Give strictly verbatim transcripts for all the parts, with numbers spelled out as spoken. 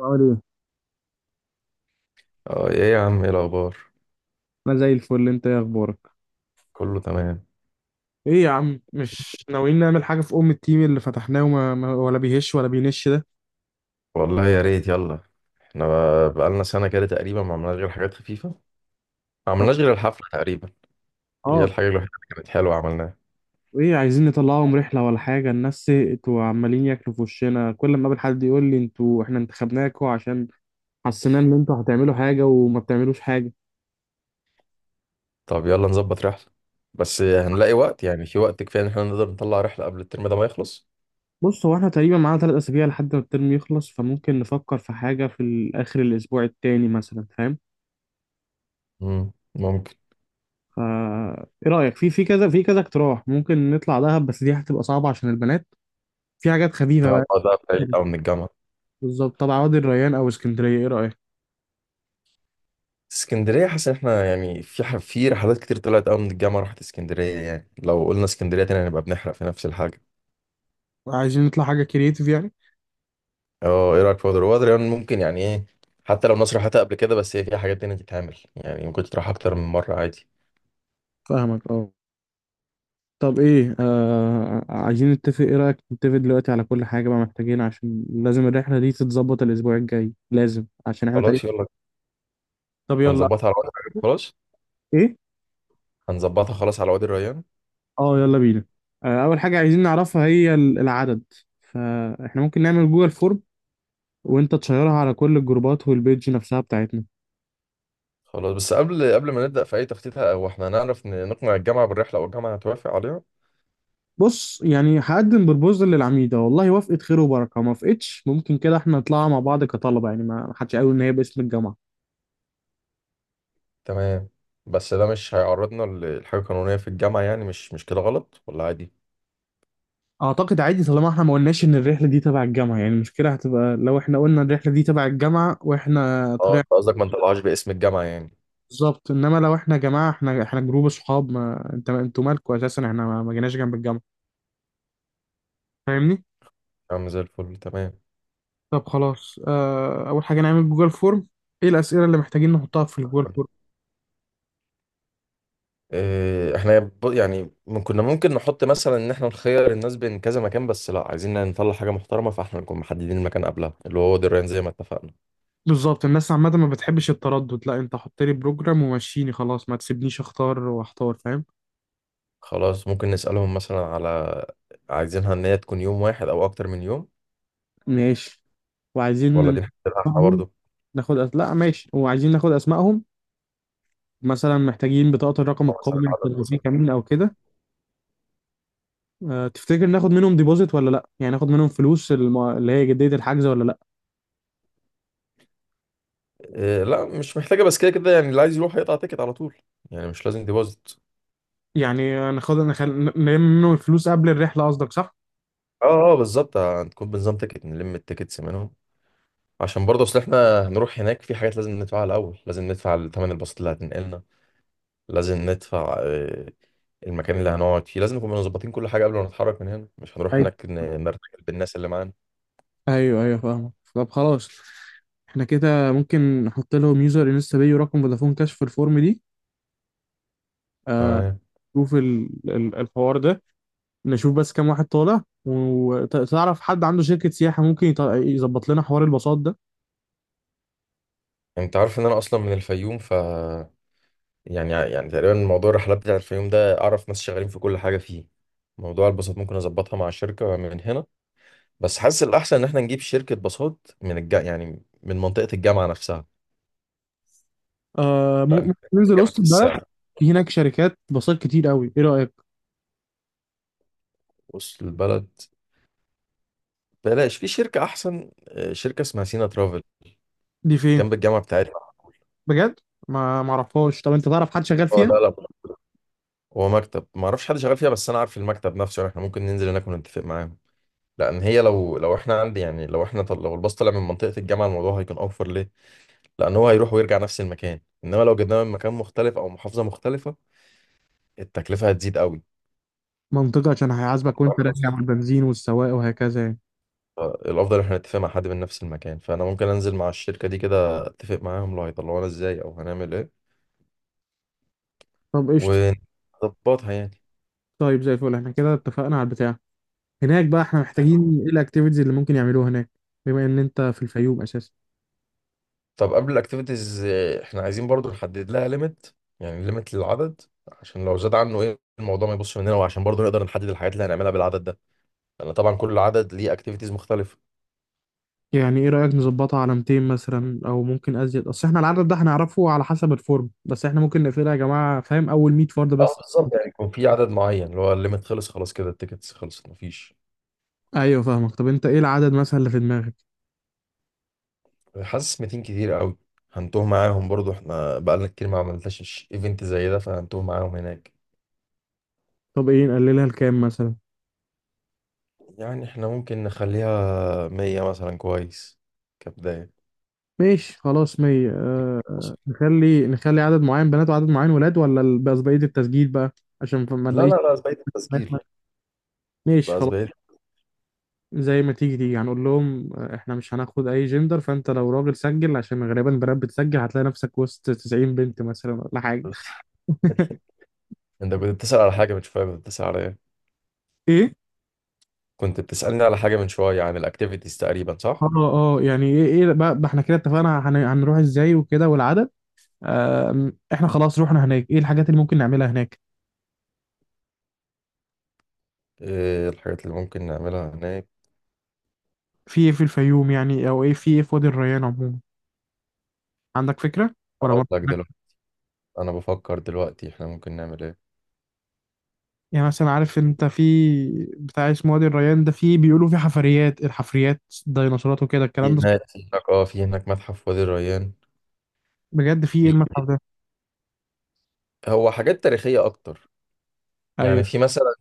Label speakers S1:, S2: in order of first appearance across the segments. S1: عامل ايه؟
S2: اه ايه يا عم، ايه الاخبار؟
S1: انا زي الفل، انت ايه اخبارك؟
S2: كله تمام.
S1: ايه يا عم، مش ناويين نعمل حاجه في ام التيم اللي فتحناه؟ وما ما- ولا بيهش ولا بينش ده.
S2: والله يا ريت، يلا. احنا بقى- بقالنا سنه كده تقريبا ما عملناش غير حاجات خفيفه. ما عملناش غير الحفله تقريبا. هي
S1: اه،
S2: الحاجه الوحيده اللي كانت حلوه عملناها.
S1: ايه، عايزين نطلعهم رحله ولا حاجه؟ الناس سئت وعمالين ياكلوا في وشنا، كل ما اقابل حد يقول لي انتوا، احنا انتخبناكوا عشان حسينا ان انتوا هتعملوا حاجه وما بتعملوش حاجه.
S2: طب يلا نظبط رحله. بس هنلاقي وقت؟ يعني في وقت كفايه ان احنا نقدر نطلع رحله قبل الترم ده ما يخلص؟
S1: بص، هو احنا تقريبا معانا ثلاث اسابيع لحد ما الترم يخلص، فممكن نفكر في حاجه في ال- اخر الاسبوع التاني مثلا، فاهم؟
S2: امم ممكن.
S1: فا ايه رايك في في كذا في كذا اقتراح؟ ممكن نطلع دهب، بس دي هتبقى صعبه عشان البنات. في حاجات خفيفة
S2: ده
S1: بقى.
S2: ده بعيد قوي من الجامعه.
S1: بالظبط. طب عوادي الريان أو اسكندرية، إيه رأيك؟
S2: اسكندريه، حاسس ان احنا يعني في ح- في رحلات كتير طلعت قوي من الجامعه راحت اسكندريه، يعني لو قلنا اسكندريه تاني هنبقى بنحرق في نفس الحاجه.
S1: عايزين نطلع حاجة كرييتيف يعني؟
S2: اه، ايه رايك في وادر وادر؟ يعني ممكن، يعني ايه، حتى لو مصر، حتى قبل كده، بس هي فيها حاجات تانية تتعمل يعني، ممكن تروح اكتر من مره عادي.
S1: فاهمك، اه. طب إيه، آه عايزين نتفق، إيه رأيك نتفق دلوقتي على كل حاجة بقى؟ محتاجين عشان لازم الرحلة دي تتظبط الأسبوع الجاي، لازم، عشان إحنا تقريبا.
S2: خلاص يلا،
S1: طب يلا.
S2: هنظبطها على وادر الريان. خلاص
S1: إيه؟
S2: هنظبطها خلاص على وادي الريان.
S1: أه، يلا بينا. آه أول حاجة عايزين نعرفها هي ال- العدد. فإحنا ممكن نعمل جوجل فورم وأنت تشيرها على كل الجروبات والبيج نفسها بتاعتنا.
S2: خلاص، بس قبل قبل ما نبدا في اي تخطيط، او احنا هنعرف ن- نقنع الجامعه بالرحله؟ او الجامعه هتوافق عليها؟
S1: بص، يعني هقدم بربوزل للعميدة، والله وافقت خير وبركة، ما وافقتش ممكن كده احنا نطلعها مع بعض كطلبة، يعني ما ما حدش قال ان هي باسم الجامعة.
S2: تمام، بس ده مش هيعرضنا ل- لحاجه قانونيه في الجامعه؟ يعني مش مش كده غلط ولا عادي؟
S1: اعتقد عادي طالما احنا ما قلناش ان الرحلة دي تبع الجامعة، يعني المشكلة هتبقى لو احنا قلنا الرحلة دي تبع الجامعة واحنا
S2: اه، انت
S1: طلعنا.
S2: قصدك ما نطلعهاش باسم الجامعه يعني.
S1: بالظبط، انما لو احنا يا جماعة، احنا احنا جروب صحاب، ما انت انتوا مالكوا اساسا، احنا ما ما جيناش جنب الجامعة. فاهمني؟
S2: يا عم زي الفل، تمام.
S1: طب خلاص، اه، اول حاجة نعمل جوجل فورم. ايه الأسئلة اللي محتاجين نحطها في الجوجل فورم؟
S2: إيه، احنا ب- يعني من- كنا ممكن نحط مثلا ان احنا نخير الناس بين كذا مكان، بس لا، عايزين نطلع حاجه محترمه، فاحنا نكون محددين المكان قبلها، اللي هو وادي الريان زي ما اتفقنا.
S1: بالظبط، الناس عامة ما بتحبش التردد، لا، انت حط لي بروجرام ومشيني خلاص، ما تسيبنيش اختار واحتار، فاهم؟
S2: خلاص، ممكن نسالهم مثلا على، عايزينها ان هي تكون يوم واحد او اكتر من يوم؟
S1: ماشي. وعايزين
S2: ولا
S1: ن-
S2: دي نحددها احنا
S1: اسمائهم.
S2: برضه؟
S1: ناخد أس... لا ماشي، وعايزين ناخد اسمائهم. مثلا محتاجين بطاقة الرقم
S2: أو
S1: القومي
S2: مثلا
S1: عشان
S2: العدد
S1: لو في
S2: مثلا.
S1: كمين او كده. أه، تفتكر ناخد منهم ديبوزيت ولا لا، يعني ناخد منهم فلوس الم... اللي هي جدية الحجز ولا لا؟
S2: إيه لا، مش محتاجه، بس كده كده يعني اللي عايز يروح هيقطع تيكت على طول، يعني مش لازم ديبوزيت.
S1: يعني ناخد نخل... نلم منهم الفلوس قبل الرحلة قصدك، صح؟
S2: اه اه بالظبط. آه، هتكون بنظام تيكت، نلم التيكتس منهم. عشان برضه اصل احنا هنروح هناك، في حاجات لازم ندفعها الاول. لازم ندفع ثمن الباصات اللي هتنقلنا. لازم ندفع آه، المكان اللي هنقعد فيه لازم نكون مظبطين كل حاجه قبل ما نتحرك من هنا. مش هنروح
S1: أيوة.
S2: هناك ن- نرتجل بالناس اللي معانا.
S1: ايوه ايوه، فاهمك. طب خلاص، احنا كده ممكن نحط لهم يوزر انستا باي ورقم فودافون كاش في الفورم دي. آه.
S2: تمام.
S1: شوف ال- ال- الحوار ده، نشوف بس كام واحد طالع، وتعرف حد عنده شركة سياحة ممكن يط- يظبط لنا حوار الباصات ده.
S2: انت عارف ان انا اصلا من الفيوم، ف يعني يعني تقريبا موضوع الرحلات بتاع الفيوم ده، اعرف ناس شغالين في كل حاجه فيه. موضوع الباصات ممكن اظبطها مع الشركه من هنا. بس حاسس الاحسن ان احنا نجيب شركه باصات من الج... يعني من منطقه الجامعه نفسها.
S1: آه، مم-
S2: لا،
S1: ممكن ننزل
S2: جامد
S1: وسط
S2: في
S1: البلد،
S2: السعر،
S1: في هناك شركات باصات كتير قوي، ايه رأيك؟
S2: وسط البلد. بلاش، في شركه احسن، آه، شركه اسمها سينا ترافل،
S1: دي فين؟
S2: جنب الجامعه بتاعتنا.
S1: بجد؟ ما معرفهاش، طب انت تعرف حد شغال
S2: اه،
S1: فيها؟
S2: لا لا، هو مكتب، ما اعرفش حد شغال فيها، بس انا عارف المكتب نفسه. يعني احنا ممكن ننزل هناك ونتفق معاهم. لان هي، لو لو احنا عندي يعني لو احنا طل... لو الباص طلع من منطقه الجامعه، الموضوع هيكون اوفر، ليه؟ لان هو هيروح ويرجع نفس المكان. انما لو جبناه من مكان مختلف او محافظه مختلفه، التكلفه هتزيد قوي.
S1: منطقة، عشان هيعذبك وانت راجع من
S2: أرخص.
S1: البنزين والسواق وهكذا يعني.
S2: الافضل احنا نتفق مع حد من نفس المكان، فانا ممكن انزل مع الشركه دي كده، اتفق معاهم، لو هيطلعونا ازاي او هنعمل ايه
S1: طب قشطة.
S2: ونظبطها يعني.
S1: طيب زي الفل، احنا كده اتفقنا على البتاع. هناك بقى احنا محتاجين ايه الاكتيفيتيز اللي ممكن يعملوها هناك، بما ان انت في الفيوم اساسا؟
S2: طب قبل الاكتيفيتيز، احنا عايزين برضو نحدد لها ليميت، يعني ليميت للعدد، عشان لو زاد عنه، ايه، الموضوع ما يبصش مننا، وعشان برضو نقدر نحدد الحاجات اللي هنعملها بالعدد ده، لان طبعا كل عدد ليه اكتيفيتيز مختلفة.
S1: يعني ايه رأيك نظبطها على ميتين مثلا او ممكن ازيد؟ اصل احنا العدد ده هنعرفه على حسب الفورم، بس احنا ممكن نقفلها يا جماعة، فاهم؟ اول ميه فرد
S2: اه
S1: بس.
S2: بالظبط، يعني يكون في عدد معين اللي هو الليميت، خلص خلاص كده، التيكتس خلصت، مفيش.
S1: ايوه فاهمك. طب انت ايه العدد مثلا اللي في دماغك؟
S2: حاسس ميتين كتير قوي، هنتوه معاهم. برضو احنا بقالنا كتير ما عملناش ايفنت زي ده، فهنتوه معاهم هناك.
S1: طب ايه، نقللها لكام مثلا؟
S2: يعني احنا ممكن نخليها مية مثلا، كويس، كبداية.
S1: ماشي خلاص، ميه. آه آه، نخلي نخلي عدد معين بنات وعدد معين ولاد، ولا ال- بس بقية التسجيل بقى عشان ما
S2: لا
S1: نلاقيش.
S2: لا لا، زباين التسجيل،
S1: ماشي
S2: بقى
S1: خلاص.
S2: زباين.
S1: زي ما تيجي تيجي، هنقول لهم آه، احنا مش هناخد اي جندر، فانت لو راجل سجل، عشان غالبا بنات بتسجل هتلاقي نفسك وسط تسعين بنت مثلا ولا حاجة.
S2: انت كنت بتسأل على حاجة من شوية، كنت بتسأل على ايه؟
S1: ايه.
S2: كنت بتسألني على حاجة من شوية عن الاكتيفيتيز تقريبا،
S1: اه.
S2: صح؟
S1: اه يعني ايه، ايه بقى، بقى احنا كده اتفقنا هن- هنروح ازاي وكده والعدد. آم، احنا خلاص روحنا هناك، ايه الحاجات اللي ممكن نعملها هناك؟
S2: ايه الحاجات اللي ممكن نعملها هناك؟
S1: في ايه في الفيوم يعني، او ايه في ايه في وادي الريان عموما؟ عندك فكرة ولا ما؟
S2: هقول لك دلوقتي. انا بفكر دلوقتي، احنا ممكن نعمل ايه؟
S1: يعني مثلا عارف انت في بتاع اسمه وادي الريان ده، في بيقولوا في حفريات، الحفريات ديناصورات وكده الكلام
S2: في
S1: ده.
S2: هناك في هناك اه في هناك متحف وادي الريان.
S1: بجد؟ في ايه
S2: في،
S1: المتحف ده؟
S2: هو حاجات تاريخية اكتر، يعني
S1: ايوه.
S2: في مثلا،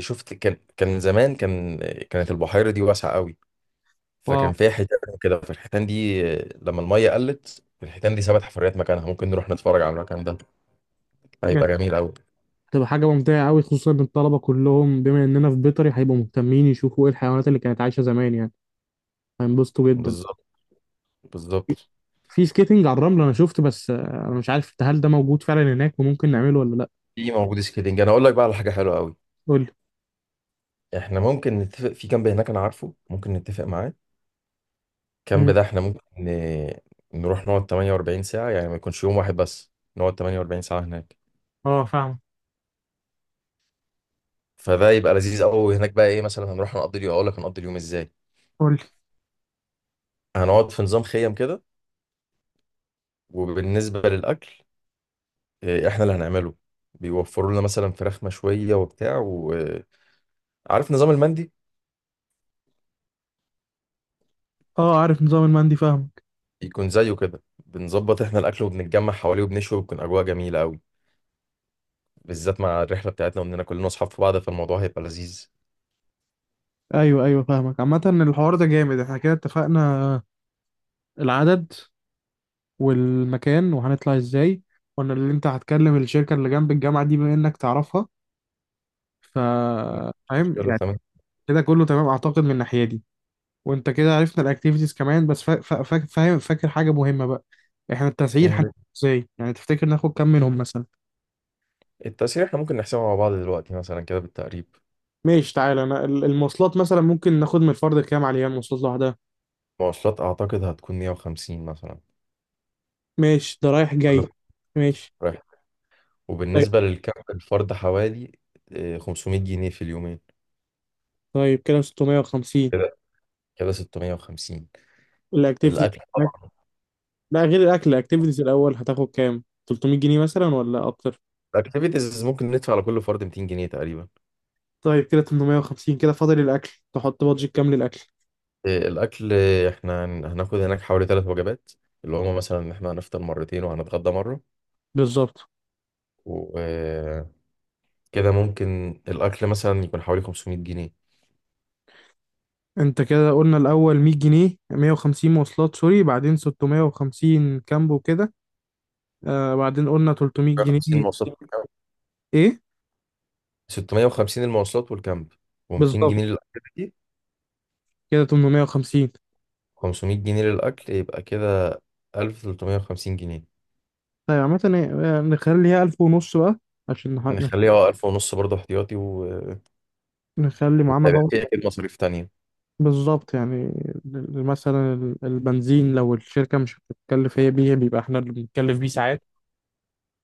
S2: شفت، كان كان زمان كان كانت البحيرة دي واسعة قوي،
S1: واو.
S2: فكان فيها حيتان كده، فالحيتان دي لما المية قلت، الحيتان دي سابت حفريات مكانها، ممكن نروح نتفرج على المكان ده،
S1: بجد؟
S2: هيبقى جميل قوي.
S1: هتبقى حاجة ممتعة قوي، خصوصا ان الطلبة كلهم بما اننا في بيطري هيبقوا مهتمين يشوفوا ايه الحيوانات اللي كانت عايشة زمان يعني. هينبسطوا جدا.
S2: بالظبط، بالظبط.
S1: في سكيتنج على الرمل انا شفت، بس آه، انا مش عارف هل ده موجود فعلا هناك وممكن نعمله ولا لا.
S2: في موجود سكيلينج. انا اقول لك بقى على حاجه حلوه قوي،
S1: قول لي.
S2: احنا ممكن نتفق في كامب هناك، انا عارفه، ممكن نتفق معاه. الكامب
S1: مم.
S2: ده احنا ممكن ن- نروح نقعد ثمانية وأربعين ساعه، يعني ما يكونش يوم واحد بس، نقعد تمن واربعين ساعه هناك،
S1: اه فاهم.
S2: فده يبقى لذيذ قوي. هناك بقى ايه مثلا؟ هنروح نقضي اليوم، اقول لك هنقضي اليوم ازاي.
S1: قول لي.
S2: هنقعد في نظام خيم كده. وبالنسبه للاكل، إيه، احنا اللي هنعمله، بيوفروا لنا مثلا فراخ مشويه وبتاع، وعارف نظام المندي،
S1: اه، عارف نظام المندي، فاهمك.
S2: يكون زيه كده، بنظبط احنا الاكل وبنتجمع حواليه وبنشوي، وبتكون اجواء جميله قوي، بالذات مع الرحلة بتاعتنا، وإننا كلنا أصحاب في بعض، فالموضوع هيبقى لذيذ.
S1: ايوه ايوه، فاهمك. عامة الحوار ده جامد، احنا كده اتفقنا. العدد والمكان وهنطلع ازاي، قلنا اللي انت هتكلم الشركة اللي جنب الجامعة دي بما انك تعرفها. ف،
S2: مش
S1: فاهم
S2: مشكلة،
S1: يعني.
S2: تمام.
S1: كده كله تمام اعتقد من الناحية دي. وانت كده عرفنا الاكتيفيتيز كمان، بس فا- فا- فا- فاهم، فاكر حاجة مهمة بقى، احنا التسعير هنعمله
S2: يعني
S1: ازاي؟ يعني تفتكر ناخد كام منهم مثلا؟
S2: التأشيرة إحنا ممكن نحسبها مع بعض دلوقتي مثلا كده بالتقريب.
S1: ماشي، تعالى، انا ال- المواصلات مثلا ممكن ناخد من الفرد كام عليها، المواصلات لوحدها؟
S2: مواصلات أعتقد هتكون مية وخمسين مثلا،
S1: ماشي، ده رايح جاي.
S2: كله
S1: ماشي.
S2: رايح.
S1: طيب.
S2: وبالنسبة للكامب، الفرد حوالي آه، خمسمائة جنيه في اليومين،
S1: طيب كده ستمائة وخمسين.
S2: كده كده ستمائة وخمسين.
S1: الاكتيفيتيز.
S2: الأكل طبعا،
S1: لا غير الاكل، الاكتيفيتيز الاول هتاخد كام، ثلاثمائة جنيه مثلا ولا اكتر؟
S2: الأكتيفيتيز ممكن ندفع على كل فرد ميتين جنيه تقريبا.
S1: طيب كده ثمانمائة وخمسين، كده فاضل الاكل، تحط بادجت كام للاكل؟
S2: آه، الأكل، آه، إحنا هن- هناخد هناك حوالي ثلاث وجبات، اللي هما مثلا إن إحنا هنفطر مرتين وهنتغدى
S1: بالظبط.
S2: مرة. كده ممكن الأكل مثلا يكون حوالي خمسمية جنيه.
S1: انت كده قلنا الاول مية جنيه، ميه وخمسين مواصلات، سوري، بعدين ستمية وخمسين كامب وكده، آه بعدين قلنا 300
S2: خمسين
S1: جنيه
S2: مواصلات والكامب،
S1: ايه.
S2: ستمائة وخمسين المواصلات والكامب، و200
S1: بالظبط.
S2: جنيه للأكل،
S1: كده تمنمية وخمسين.
S2: خمسمائة جنيه للأكل، يبقى كده ألف وثلاثمائة وخمسين جنيه.
S1: طيب عامة إيه، إيه، نخليها ألف ونص بقى، عشان نح- نخ-
S2: نخليها اه الف ونص برضه احتياطي و...
S1: نخلي معانا
S2: وهيبقى
S1: باور.
S2: في أكيد مصاريف تانية.
S1: بالظبط يعني ال- مثلا ال- البنزين لو الشركة مش بتتكلف هي بيه، بيبقى احنا اللي بنتكلف بيه ساعات.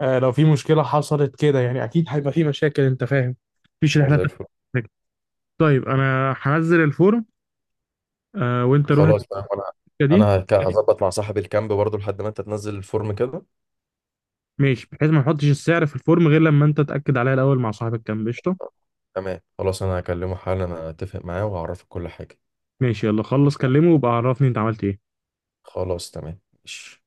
S1: آه لو في مشكلة حصلت كده يعني، أكيد هيبقى في مشاكل، أنت فاهم، مفيش
S2: اه
S1: رحلة
S2: زي الفل.
S1: بتبقى. طيب أنا هنزل الفورم آه، وأنت روح
S2: خلاص بقى، وأنا،
S1: الشركة دي.
S2: أنا هك- هظبط مع صاحب الكامب برضه لحد ما أنت تنزل الفورم كده.
S1: ماشي، بحيث ما نحطش السعر في الفورم غير لما أنت تأكد عليها الأول مع صاحب الكام. قشطة.
S2: تمام، خلاص، أنا هكلمه حالا، أنا أتفق معاه وأعرفك كل حاجة.
S1: ماشي، يلا خلص كلمه وبقى عرفني أنت عملت إيه.
S2: خلاص تمام، ماشي.